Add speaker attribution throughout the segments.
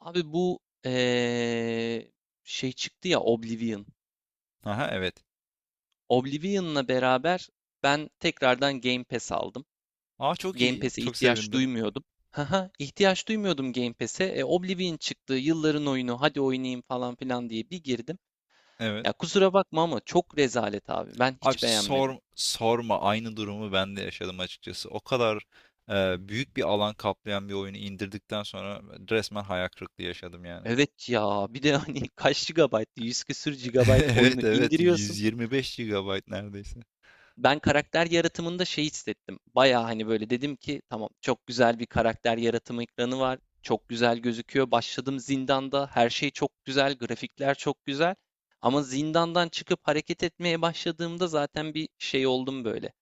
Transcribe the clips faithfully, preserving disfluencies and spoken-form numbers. Speaker 1: Abi bu eee, şey çıktı ya Oblivion.
Speaker 2: Aha evet.
Speaker 1: Oblivion'la beraber ben tekrardan Game Pass aldım.
Speaker 2: Aa, çok
Speaker 1: Game
Speaker 2: iyi.
Speaker 1: Pass'e
Speaker 2: Çok
Speaker 1: ihtiyaç
Speaker 2: sevindim.
Speaker 1: duymuyordum. Haha, ihtiyaç duymuyordum Game Pass'e. E, Oblivion çıktı, yılların oyunu, hadi oynayayım falan filan diye bir girdim.
Speaker 2: Evet.
Speaker 1: Ya kusura bakma ama çok rezalet abi. Ben
Speaker 2: Abi
Speaker 1: hiç beğenmedim.
Speaker 2: sor, sorma aynı durumu ben de yaşadım açıkçası. O kadar e, büyük bir alan kaplayan bir oyunu indirdikten sonra resmen hayal kırıklığı yaşadım yani.
Speaker 1: Evet ya, bir de hani kaç gigabayt, yüz küsür gigabayt oyunu
Speaker 2: Evet, evet,
Speaker 1: indiriyorsun.
Speaker 2: 125 gigabayt neredeyse.
Speaker 1: ben karakter yaratımında şey hissettim. Baya hani böyle dedim ki tamam çok güzel bir karakter yaratımı ekranı var. Çok güzel gözüküyor. Başladım zindanda. Her şey çok güzel. Grafikler çok güzel. Ama zindandan çıkıp hareket etmeye başladığımda zaten bir şey oldum böyle.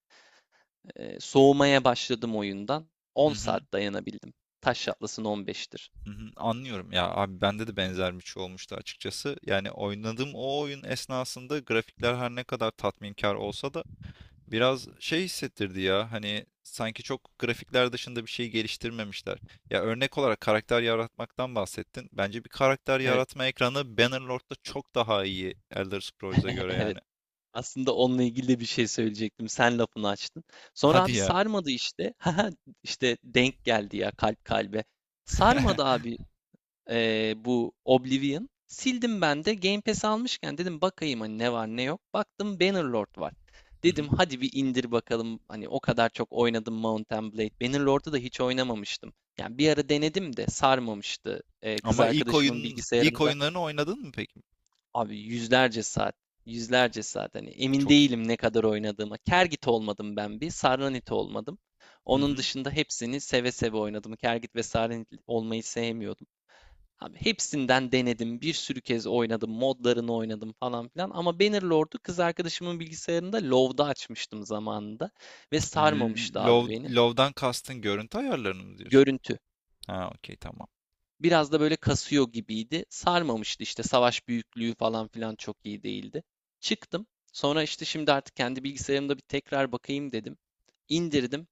Speaker 1: Ee, soğumaya başladım oyundan.
Speaker 2: Hı
Speaker 1: on
Speaker 2: hı,
Speaker 1: saat dayanabildim. Taş Atlas'ın on beştir.
Speaker 2: hı hı. Anlıyorum ya abi, bende de benzer bir şey olmuştu açıkçası. Yani oynadığım o oyun esnasında grafikler her ne kadar tatminkar olsa da biraz şey hissettirdi ya, hani sanki çok grafikler dışında bir şey geliştirmemişler. Ya, örnek olarak karakter yaratmaktan bahsettin. Bence bir karakter
Speaker 1: Evet.
Speaker 2: yaratma ekranı Bannerlord'da çok daha iyi Elder Scrolls'a göre
Speaker 1: Evet.
Speaker 2: yani.
Speaker 1: Aslında onunla ilgili de bir şey söyleyecektim. Sen lafını açtın. Sonra
Speaker 2: Hadi
Speaker 1: abi
Speaker 2: ya.
Speaker 1: sarmadı işte. Haha, işte denk geldi ya kalp kalbe. Sarmadı abi eee, bu Oblivion. Sildim ben de Game Pass almışken dedim bakayım hani ne var ne yok. Baktım Bannerlord var.
Speaker 2: Hı
Speaker 1: Dedim
Speaker 2: hı.
Speaker 1: hadi bir indir bakalım. Hani o kadar çok oynadım Mount and Blade. Bannerlord'u da hiç oynamamıştım. Yani bir ara denedim de sarmamıştı. Eee, kız
Speaker 2: Ama ilk
Speaker 1: arkadaşımın
Speaker 2: oyun ilk
Speaker 1: bilgisayarında.
Speaker 2: oyunlarını oynadın mı peki?
Speaker 1: Abi yüzlerce saat, yüzlerce saat. Hani emin
Speaker 2: Çok iyi.
Speaker 1: değilim ne kadar oynadığıma. Kergit olmadım ben bir, Sarranit olmadım.
Speaker 2: Hı
Speaker 1: Onun
Speaker 2: hı.
Speaker 1: dışında hepsini seve seve oynadım. Kergit ve Sarranit olmayı sevmiyordum. Abi hepsinden denedim. Bir sürü kez oynadım. Modlarını oynadım falan filan. Ama Bannerlord'u kız arkadaşımın bilgisayarında LoW'da açmıştım zamanında. Ve
Speaker 2: L-
Speaker 1: sarmamıştı abi
Speaker 2: Love,
Speaker 1: beni.
Speaker 2: Love'dan kastın görüntü ayarlarını mı diyorsun?
Speaker 1: Görüntü.
Speaker 2: Ha, okey, tamam.
Speaker 1: Biraz da böyle kasıyor gibiydi. Sarmamıştı işte savaş büyüklüğü falan filan çok iyi değildi. Çıktım. Sonra işte şimdi artık kendi bilgisayarımda bir tekrar bakayım dedim. İndirdim.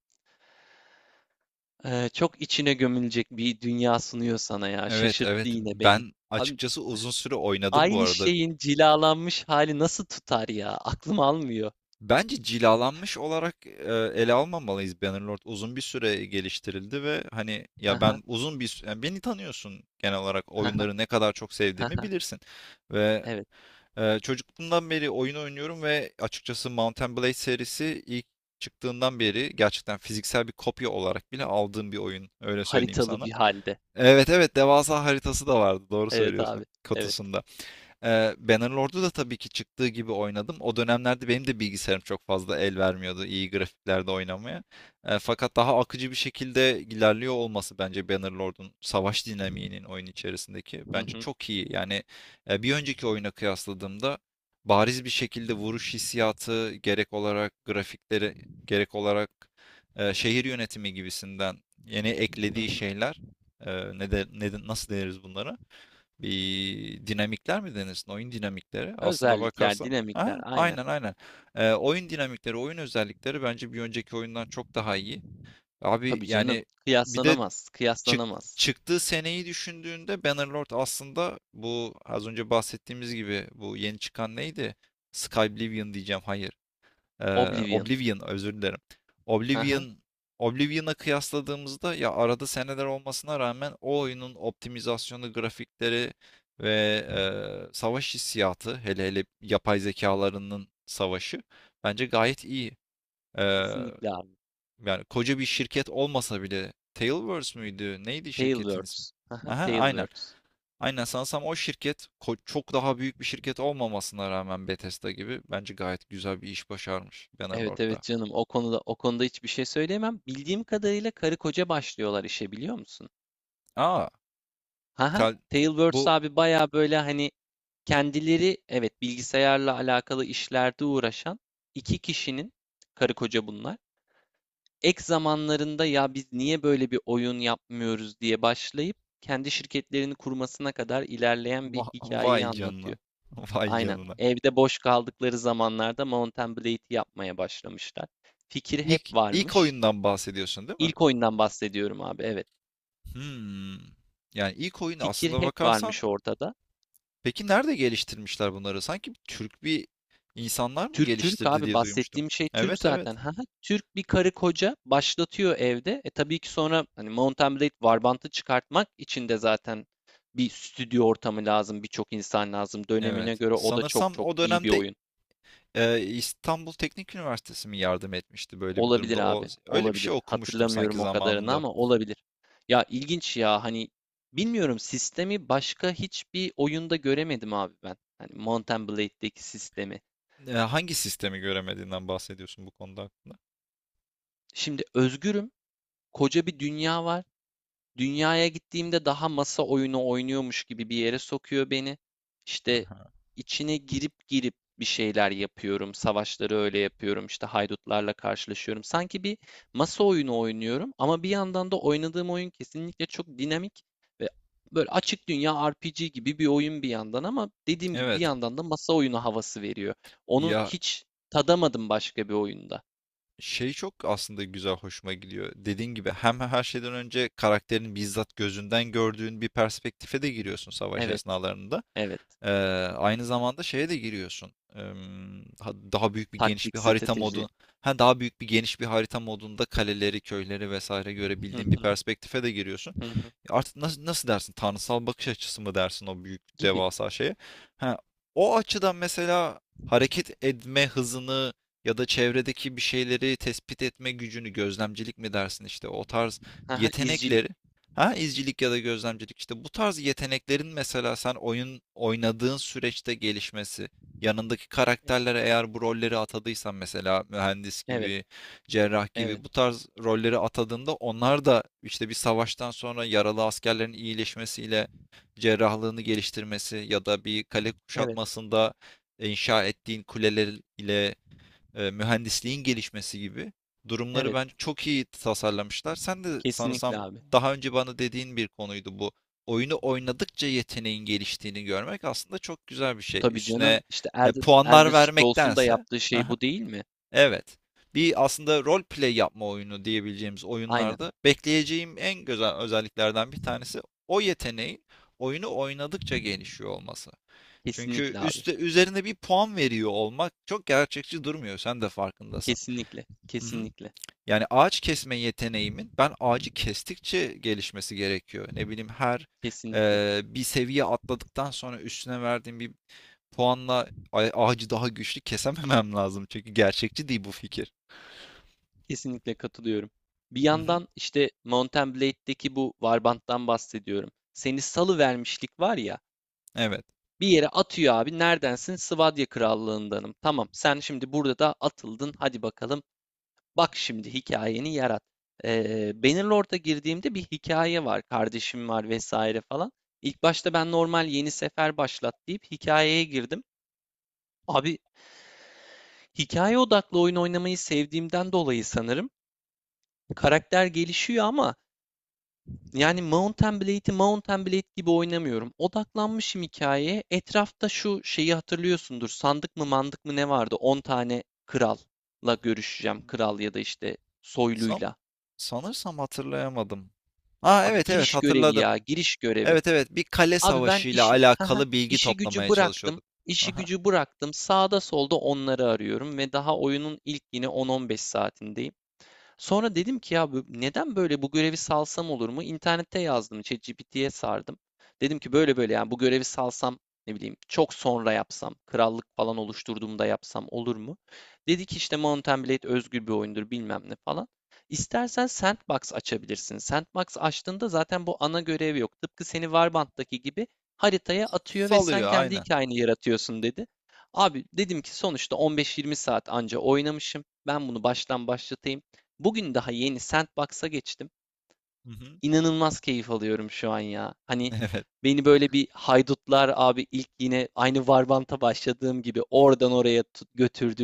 Speaker 1: Ee, çok içine gömülecek bir dünya sunuyor sana ya.
Speaker 2: Evet,
Speaker 1: Şaşırttı
Speaker 2: evet,
Speaker 1: yine beni.
Speaker 2: ben
Speaker 1: Abi,
Speaker 2: açıkçası uzun süre oynadım bu
Speaker 1: aynı
Speaker 2: arada.
Speaker 1: şeyin cilalanmış hali nasıl tutar ya? Aklım almıyor.
Speaker 2: Bence cilalanmış olarak e, ele almamalıyız Bannerlord. Uzun bir süre geliştirildi ve hani ya ben uzun bir sü- yani beni tanıyorsun, genel olarak oyunları ne kadar çok sevdiğimi bilirsin. Ve
Speaker 1: Evet.
Speaker 2: e, çocukluğumdan beri oyun oynuyorum ve açıkçası Mount Blade serisi ilk çıktığından beri gerçekten fiziksel bir kopya olarak bile aldığım bir oyun, öyle söyleyeyim
Speaker 1: Haritalı
Speaker 2: sana.
Speaker 1: bir halde.
Speaker 2: Evet, evet, devasa haritası da vardı, doğru
Speaker 1: Evet
Speaker 2: söylüyorsun,
Speaker 1: abi. Evet.
Speaker 2: kutusunda. Ee, Bannerlord'u da tabii ki çıktığı gibi oynadım. O dönemlerde benim de bilgisayarım çok fazla el vermiyordu iyi grafiklerde oynamaya. Ee, fakat daha akıcı bir şekilde ilerliyor olması, bence Bannerlord'un savaş dinamiğinin oyun içerisindeki
Speaker 1: Hı
Speaker 2: bence
Speaker 1: hı,
Speaker 2: çok iyi. Yani e, bir önceki oyuna kıyasladığımda bariz bir şekilde vuruş hissiyatı gerek olarak grafikleri, gerek olarak e, şehir yönetimi gibisinden yeni
Speaker 1: hı
Speaker 2: eklediği
Speaker 1: hı.
Speaker 2: şeyler, e, ne de, ne de- nasıl deniriz bunlara? Bir dinamikler mi denirsin? Oyun dinamikleri. Aslında
Speaker 1: Özellikler,
Speaker 2: bakarsan. Ha,
Speaker 1: dinamikler, aynen.
Speaker 2: aynen, aynen. Ee, oyun dinamikleri, oyun özellikleri bence bir önceki oyundan çok daha iyi. Abi
Speaker 1: Tabii canım.
Speaker 2: yani, bir de
Speaker 1: Kıyaslanamaz.
Speaker 2: çık,
Speaker 1: Kıyaslanamaz.
Speaker 2: çıktığı seneyi düşündüğünde Bannerlord aslında, bu az önce bahsettiğimiz gibi, bu yeni çıkan neydi? Skyblivion diyeceğim. Hayır. Ee,
Speaker 1: Oblivion.
Speaker 2: Oblivion, özür dilerim.
Speaker 1: Haha,
Speaker 2: Oblivion Oblivion'a kıyasladığımızda ya, arada seneler olmasına rağmen o oyunun optimizasyonu, grafikleri ve e, savaş hissiyatı, hele hele yapay zekalarının savaşı bence gayet iyi. Ee,
Speaker 1: Kesinlikle abi.
Speaker 2: Yani koca bir şirket olmasa bile, Tailverse müydü? Neydi şirketin
Speaker 1: Tailwords.
Speaker 2: ismi?
Speaker 1: Haha,
Speaker 2: Aha, aynen.
Speaker 1: Tailwords.
Speaker 2: Aynen, sanırsam o şirket ko- çok daha büyük bir şirket olmamasına rağmen Bethesda gibi, bence gayet güzel bir iş başarmış
Speaker 1: Evet evet
Speaker 2: Bannerlord'da.
Speaker 1: canım. O konuda o konuda hiçbir şey söyleyemem. Bildiğim kadarıyla karı koca başlıyorlar işe biliyor musun?
Speaker 2: Aa,
Speaker 1: Haha.
Speaker 2: tel
Speaker 1: Tailwords
Speaker 2: bu
Speaker 1: abi baya böyle hani kendileri evet bilgisayarla alakalı işlerde uğraşan iki kişinin karı koca bunlar. Ek zamanlarında ya biz niye böyle bir oyun yapmıyoruz diye başlayıp kendi şirketlerini kurmasına kadar ilerleyen bir
Speaker 2: va-
Speaker 1: hikayeyi
Speaker 2: vay canına.
Speaker 1: anlatıyor.
Speaker 2: Vay
Speaker 1: Aynen.
Speaker 2: canına.
Speaker 1: Evde boş kaldıkları zamanlarda Mount Blade'i yapmaya başlamışlar. Fikir hep
Speaker 2: İlk ilk
Speaker 1: varmış.
Speaker 2: oyundan bahsediyorsun değil mi?
Speaker 1: İlk oyundan bahsediyorum abi, evet.
Speaker 2: Hmm. Yani ilk oyunu,
Speaker 1: Fikir
Speaker 2: aslında
Speaker 1: hep
Speaker 2: bakarsan,
Speaker 1: varmış ortada.
Speaker 2: peki nerede geliştirmişler bunları? Sanki Türk bir insanlar mı
Speaker 1: Türk Türk
Speaker 2: geliştirdi
Speaker 1: abi
Speaker 2: diye duymuştum.
Speaker 1: bahsettiğim şey Türk
Speaker 2: Evet, evet.
Speaker 1: zaten. Ha ha, Türk bir karı koca başlatıyor evde. E tabii ki sonra hani Mountain Blade Warband'ı çıkartmak için de zaten bir stüdyo ortamı lazım, birçok insan lazım. Dönemine
Speaker 2: Evet.
Speaker 1: göre o da çok
Speaker 2: Sanırsam
Speaker 1: çok
Speaker 2: o
Speaker 1: iyi bir
Speaker 2: dönemde
Speaker 1: oyun.
Speaker 2: e, İstanbul Teknik Üniversitesi mi yardım etmişti böyle bir
Speaker 1: Olabilir
Speaker 2: durumda? O,
Speaker 1: abi,
Speaker 2: öyle bir şey
Speaker 1: olabilir.
Speaker 2: okumuştum sanki
Speaker 1: Hatırlamıyorum o kadarını
Speaker 2: zamanında.
Speaker 1: ama olabilir. Ya ilginç ya hani bilmiyorum sistemi başka hiçbir oyunda göremedim abi ben. Hani Mountain Blade'deki sistemi.
Speaker 2: E, hangi sistemi göremediğinden bahsediyorsun bu konuda hakkında?
Speaker 1: Şimdi özgürüm, koca bir dünya var. Dünyaya gittiğimde daha masa oyunu oynuyormuş gibi bir yere sokuyor beni. İşte
Speaker 2: Aha.
Speaker 1: içine girip girip bir şeyler yapıyorum. Savaşları öyle yapıyorum. İşte haydutlarla karşılaşıyorum. Sanki bir masa oyunu oynuyorum ama bir yandan da oynadığım oyun kesinlikle çok dinamik ve böyle açık dünya R P G gibi bir oyun bir yandan ama dediğim gibi bir
Speaker 2: Evet.
Speaker 1: yandan da masa oyunu havası veriyor. Onu
Speaker 2: Ya,
Speaker 1: hiç tadamadım başka bir oyunda.
Speaker 2: şey, çok aslında güzel, hoşuma gidiyor. Dediğin gibi, hem her şeyden önce karakterin bizzat gözünden gördüğün bir perspektife de giriyorsun savaş
Speaker 1: Evet,
Speaker 2: esnalarında.
Speaker 1: evet.
Speaker 2: Ee, Aynı zamanda şeye de giriyorsun. Em, ha- daha büyük bir geniş
Speaker 1: Taktik,
Speaker 2: bir harita
Speaker 1: strateji.
Speaker 2: modu. Ha, daha büyük bir geniş bir harita modunda kaleleri, köyleri vesaire
Speaker 1: Hı
Speaker 2: görebildiğin bir
Speaker 1: hı,
Speaker 2: perspektife de giriyorsun.
Speaker 1: hı hı.
Speaker 2: Artık nasıl, nasıl dersin? Tanrısal bakış açısı mı dersin o büyük
Speaker 1: Gibi.
Speaker 2: devasa şeye? Ha, o açıdan mesela hareket etme hızını ya da çevredeki bir şeyleri tespit etme gücünü, gözlemcilik mi dersin işte o tarz
Speaker 1: Haha, izcilik.
Speaker 2: yetenekleri. Ha, izcilik ya da gözlemcilik işte, bu tarz yeteneklerin mesela sen oyun oynadığın süreçte gelişmesi, yanındaki
Speaker 1: Evet,
Speaker 2: karakterlere eğer bu rolleri atadıysan, mesela mühendis
Speaker 1: evet,
Speaker 2: gibi, cerrah
Speaker 1: evet,
Speaker 2: gibi, bu tarz rolleri atadığında onlar da işte bir savaştan sonra yaralı askerlerin iyileşmesiyle cerrahlığını geliştirmesi ya da bir kale
Speaker 1: evet,
Speaker 2: kuşatmasında inşa ettiğin kuleler ile e, mühendisliğin gelişmesi gibi durumları
Speaker 1: evet.
Speaker 2: bence çok iyi tasarlamışlar. Sen de
Speaker 1: Kesinlikle
Speaker 2: sanırsam
Speaker 1: abi.
Speaker 2: daha önce bana dediğin bir konuydu bu. Oyunu oynadıkça yeteneğin geliştiğini görmek aslında çok güzel bir şey.
Speaker 1: Tabii canım
Speaker 2: Üstüne
Speaker 1: işte
Speaker 2: e,
Speaker 1: Elden, Elden
Speaker 2: puanlar
Speaker 1: Scrolls'un da
Speaker 2: vermektense.
Speaker 1: yaptığı şey
Speaker 2: Aha,
Speaker 1: bu değil mi?
Speaker 2: evet. Bir, aslında rol play yapma oyunu diyebileceğimiz
Speaker 1: Aynen.
Speaker 2: oyunlarda bekleyeceğim en güzel özelliklerden bir tanesi o yeteneğin oyunu oynadıkça gelişiyor olması. Çünkü
Speaker 1: Kesinlikle abi.
Speaker 2: üstte, üzerine bir puan veriyor olmak çok gerçekçi durmuyor. Sen de farkındasın.
Speaker 1: Kesinlikle,
Speaker 2: Hı hı.
Speaker 1: kesinlikle,
Speaker 2: Yani ağaç kesme yeteneğimin ben ağacı kestikçe gelişmesi gerekiyor. Ne bileyim, her
Speaker 1: kesinlikle,
Speaker 2: eee, bir seviye atladıktan sonra üstüne verdiğim bir puanla a- ağacı daha güçlü kesememem lazım. Çünkü gerçekçi değil bu fikir.
Speaker 1: kesinlikle katılıyorum. Bir
Speaker 2: Hı hı.
Speaker 1: yandan işte Mount and Blade'deki bu Warband'dan bahsediyorum. Seni salı vermişlik var ya.
Speaker 2: Evet.
Speaker 1: Bir yere atıyor abi. Neredensin? Sivadya Krallığındanım. Tamam. Sen şimdi burada da atıldın. Hadi bakalım. Bak şimdi hikayeni yarat. Ee, Bannerlord'a girdiğimde bir hikaye var. Kardeşim var vesaire falan. İlk başta ben normal yeni sefer başlat deyip hikayeye girdim. Abi hikaye odaklı oyun oynamayı sevdiğimden dolayı sanırım karakter gelişiyor ama yani Mount and Blade'i Mount and Blade gibi oynamıyorum. Odaklanmışım hikayeye. Etrafta şu şeyi hatırlıyorsundur. Sandık mı mandık mı ne vardı? On tane kralla görüşeceğim. Kral ya
Speaker 2: Hmm.
Speaker 1: da işte
Speaker 2: San,
Speaker 1: soyluyla.
Speaker 2: sanırsam hatırlayamadım. Ha,
Speaker 1: Abi
Speaker 2: evet, evet,
Speaker 1: giriş görevi
Speaker 2: hatırladım.
Speaker 1: ya, giriş görevi.
Speaker 2: Evet, evet, bir kale
Speaker 1: Abi ben
Speaker 2: savaşıyla
Speaker 1: işi, haha,
Speaker 2: alakalı bilgi
Speaker 1: işi gücü
Speaker 2: toplamaya
Speaker 1: bıraktım.
Speaker 2: çalışıyorduk.
Speaker 1: İşi
Speaker 2: Aha.
Speaker 1: gücü bıraktım. Sağda solda onları arıyorum ve daha oyunun ilk yine on on beş saatindeyim. Sonra dedim ki ya bu- neden böyle bu görevi salsam olur mu? İnternette yazdım, ChatGPT'ye sardım. Dedim ki böyle böyle yani bu görevi salsam ne bileyim çok sonra yapsam, krallık falan oluşturduğumda yapsam olur mu? Dedi ki işte Mountain Blade özgür bir oyundur bilmem ne falan. İstersen Sandbox açabilirsin. Sandbox açtığında zaten bu ana görev yok. Tıpkı seni Warband'daki gibi haritaya atıyor ve sen
Speaker 2: Salıyor,
Speaker 1: kendi
Speaker 2: aynen.
Speaker 1: hikayeni yaratıyorsun dedi. Abi dedim ki sonuçta on beş yirmi saat anca oynamışım. Ben bunu baştan başlatayım. Bugün daha yeni Sandbox'a geçtim.
Speaker 2: Hı hı.
Speaker 1: İnanılmaz keyif alıyorum şu an ya. Hani
Speaker 2: Evet.
Speaker 1: beni böyle bir haydutlar abi ilk yine aynı Varbant'a başladığım gibi oradan oraya tut-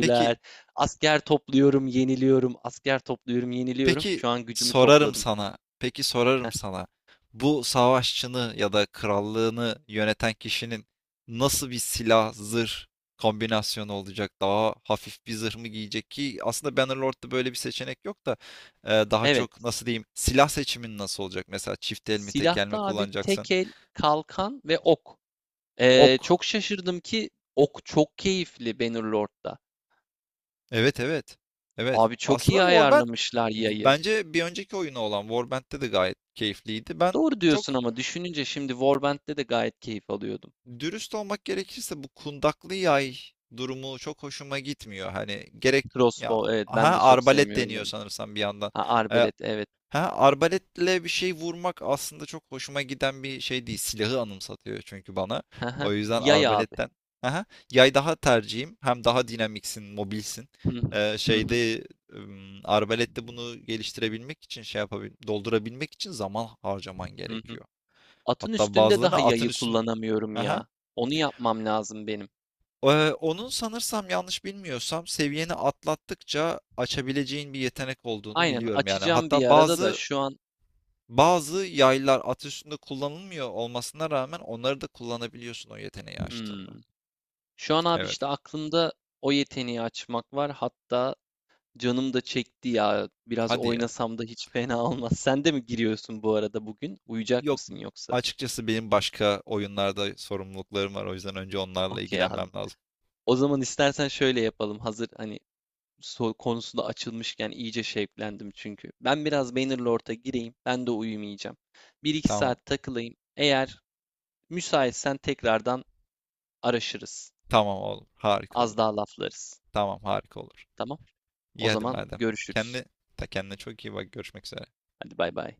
Speaker 2: Peki
Speaker 1: Asker topluyorum, yeniliyorum. Asker topluyorum, yeniliyorum.
Speaker 2: peki
Speaker 1: Şu an gücümü
Speaker 2: sorarım
Speaker 1: topladım.
Speaker 2: sana. Peki
Speaker 1: Heh.
Speaker 2: sorarım sana. Bu savaşçını ya da krallığını yöneten kişinin nasıl bir silah zırh kombinasyonu olacak? Daha hafif bir zırh mı giyecek ki, aslında Bannerlord'da böyle bir seçenek yok da, e, daha
Speaker 1: Evet.
Speaker 2: çok nasıl diyeyim, silah seçimin nasıl olacak? Mesela çift el mi, tek el mi
Speaker 1: Silahta abi
Speaker 2: kullanacaksın?
Speaker 1: tek el, kalkan ve ok. Ee,
Speaker 2: Ok.
Speaker 1: çok şaşırdım ki ok çok keyifli Bannerlord'da.
Speaker 2: Evet, evet. Evet.
Speaker 1: Abi çok
Speaker 2: Aslında
Speaker 1: iyi
Speaker 2: Warband,
Speaker 1: ayarlamışlar
Speaker 2: bu-
Speaker 1: yayı.
Speaker 2: bence bir önceki oyunu olan Warband'de de gayet keyifliydi. Ben
Speaker 1: Doğru diyorsun
Speaker 2: çok,
Speaker 1: ama düşününce şimdi Warband'de de gayet keyif alıyordum.
Speaker 2: dürüst olmak gerekirse, bu kundaklı yay durumu çok hoşuma gitmiyor. Hani gerek ya,
Speaker 1: Crossbow evet
Speaker 2: ha,
Speaker 1: ben de çok
Speaker 2: arbalet
Speaker 1: sevmiyorum
Speaker 2: deniyor
Speaker 1: onu.
Speaker 2: sanırsam bir yandan.
Speaker 1: Ha
Speaker 2: Ee,
Speaker 1: arbalet evet.
Speaker 2: Ha, arbaletle bir şey vurmak aslında çok hoşuma giden bir şey değil. Silahı anımsatıyor çünkü bana.
Speaker 1: Haha.
Speaker 2: O yüzden
Speaker 1: Yay abi.
Speaker 2: arbaletten. Aha, yay daha tercihim. Hem daha dinamiksin, mobilsin.
Speaker 1: Hı hı,
Speaker 2: Ee,
Speaker 1: hı hı,
Speaker 2: şeyde ım, Arbalette bunu geliştirebilmek için şey yapabil doldurabilmek için zaman harcaman
Speaker 1: hı hı.
Speaker 2: gerekiyor.
Speaker 1: Atın
Speaker 2: Hatta
Speaker 1: üstünde
Speaker 2: bazılarını
Speaker 1: daha
Speaker 2: atın
Speaker 1: yayı
Speaker 2: üstün.
Speaker 1: kullanamıyorum
Speaker 2: Aha.
Speaker 1: ya. Onu yapmam lazım benim.
Speaker 2: Ee, onun sanırsam, yanlış bilmiyorsam, seviyeni atlattıkça açabileceğin bir yetenek olduğunu
Speaker 1: Aynen
Speaker 2: biliyorum yani.
Speaker 1: açacağım bir
Speaker 2: Hatta
Speaker 1: arada da
Speaker 2: bazı
Speaker 1: şu an.
Speaker 2: Bazı yaylar at kullanılmıyor olmasına rağmen onları da kullanabiliyorsun o yeteneği
Speaker 1: Hmm.
Speaker 2: açtığında.
Speaker 1: Şu an abi
Speaker 2: Evet.
Speaker 1: işte aklımda o yeteneği açmak var. Hatta canım da çekti ya. Biraz
Speaker 2: Hadi ya.
Speaker 1: oynasam da hiç fena olmaz. Sen de mi giriyorsun bu arada bugün? Uyuyacak
Speaker 2: Yok.
Speaker 1: mısın yoksa?
Speaker 2: Açıkçası benim başka oyunlarda sorumluluklarım var. O yüzden önce onlarla
Speaker 1: Okey abi.
Speaker 2: ilgilenmem lazım.
Speaker 1: O zaman istersen şöyle yapalım. Hazır hani so- konusunda açılmışken iyice şevklendim çünkü. Ben biraz Bannerlord'a gireyim. Ben de uyumayacağım. Bir iki
Speaker 2: Tamam.
Speaker 1: saat takılayım. Eğer müsaitsen tekrardan araşırız.
Speaker 2: Tamam oğlum. Harika
Speaker 1: Az
Speaker 2: olur.
Speaker 1: daha laflarız.
Speaker 2: Tamam, harika olur.
Speaker 1: Tamam? O
Speaker 2: İyi, hadi
Speaker 1: zaman
Speaker 2: madem.
Speaker 1: görüşürüz.
Speaker 2: Kendi, ta kendine çok iyi bak. Görüşmek üzere.
Speaker 1: Hadi bay bay.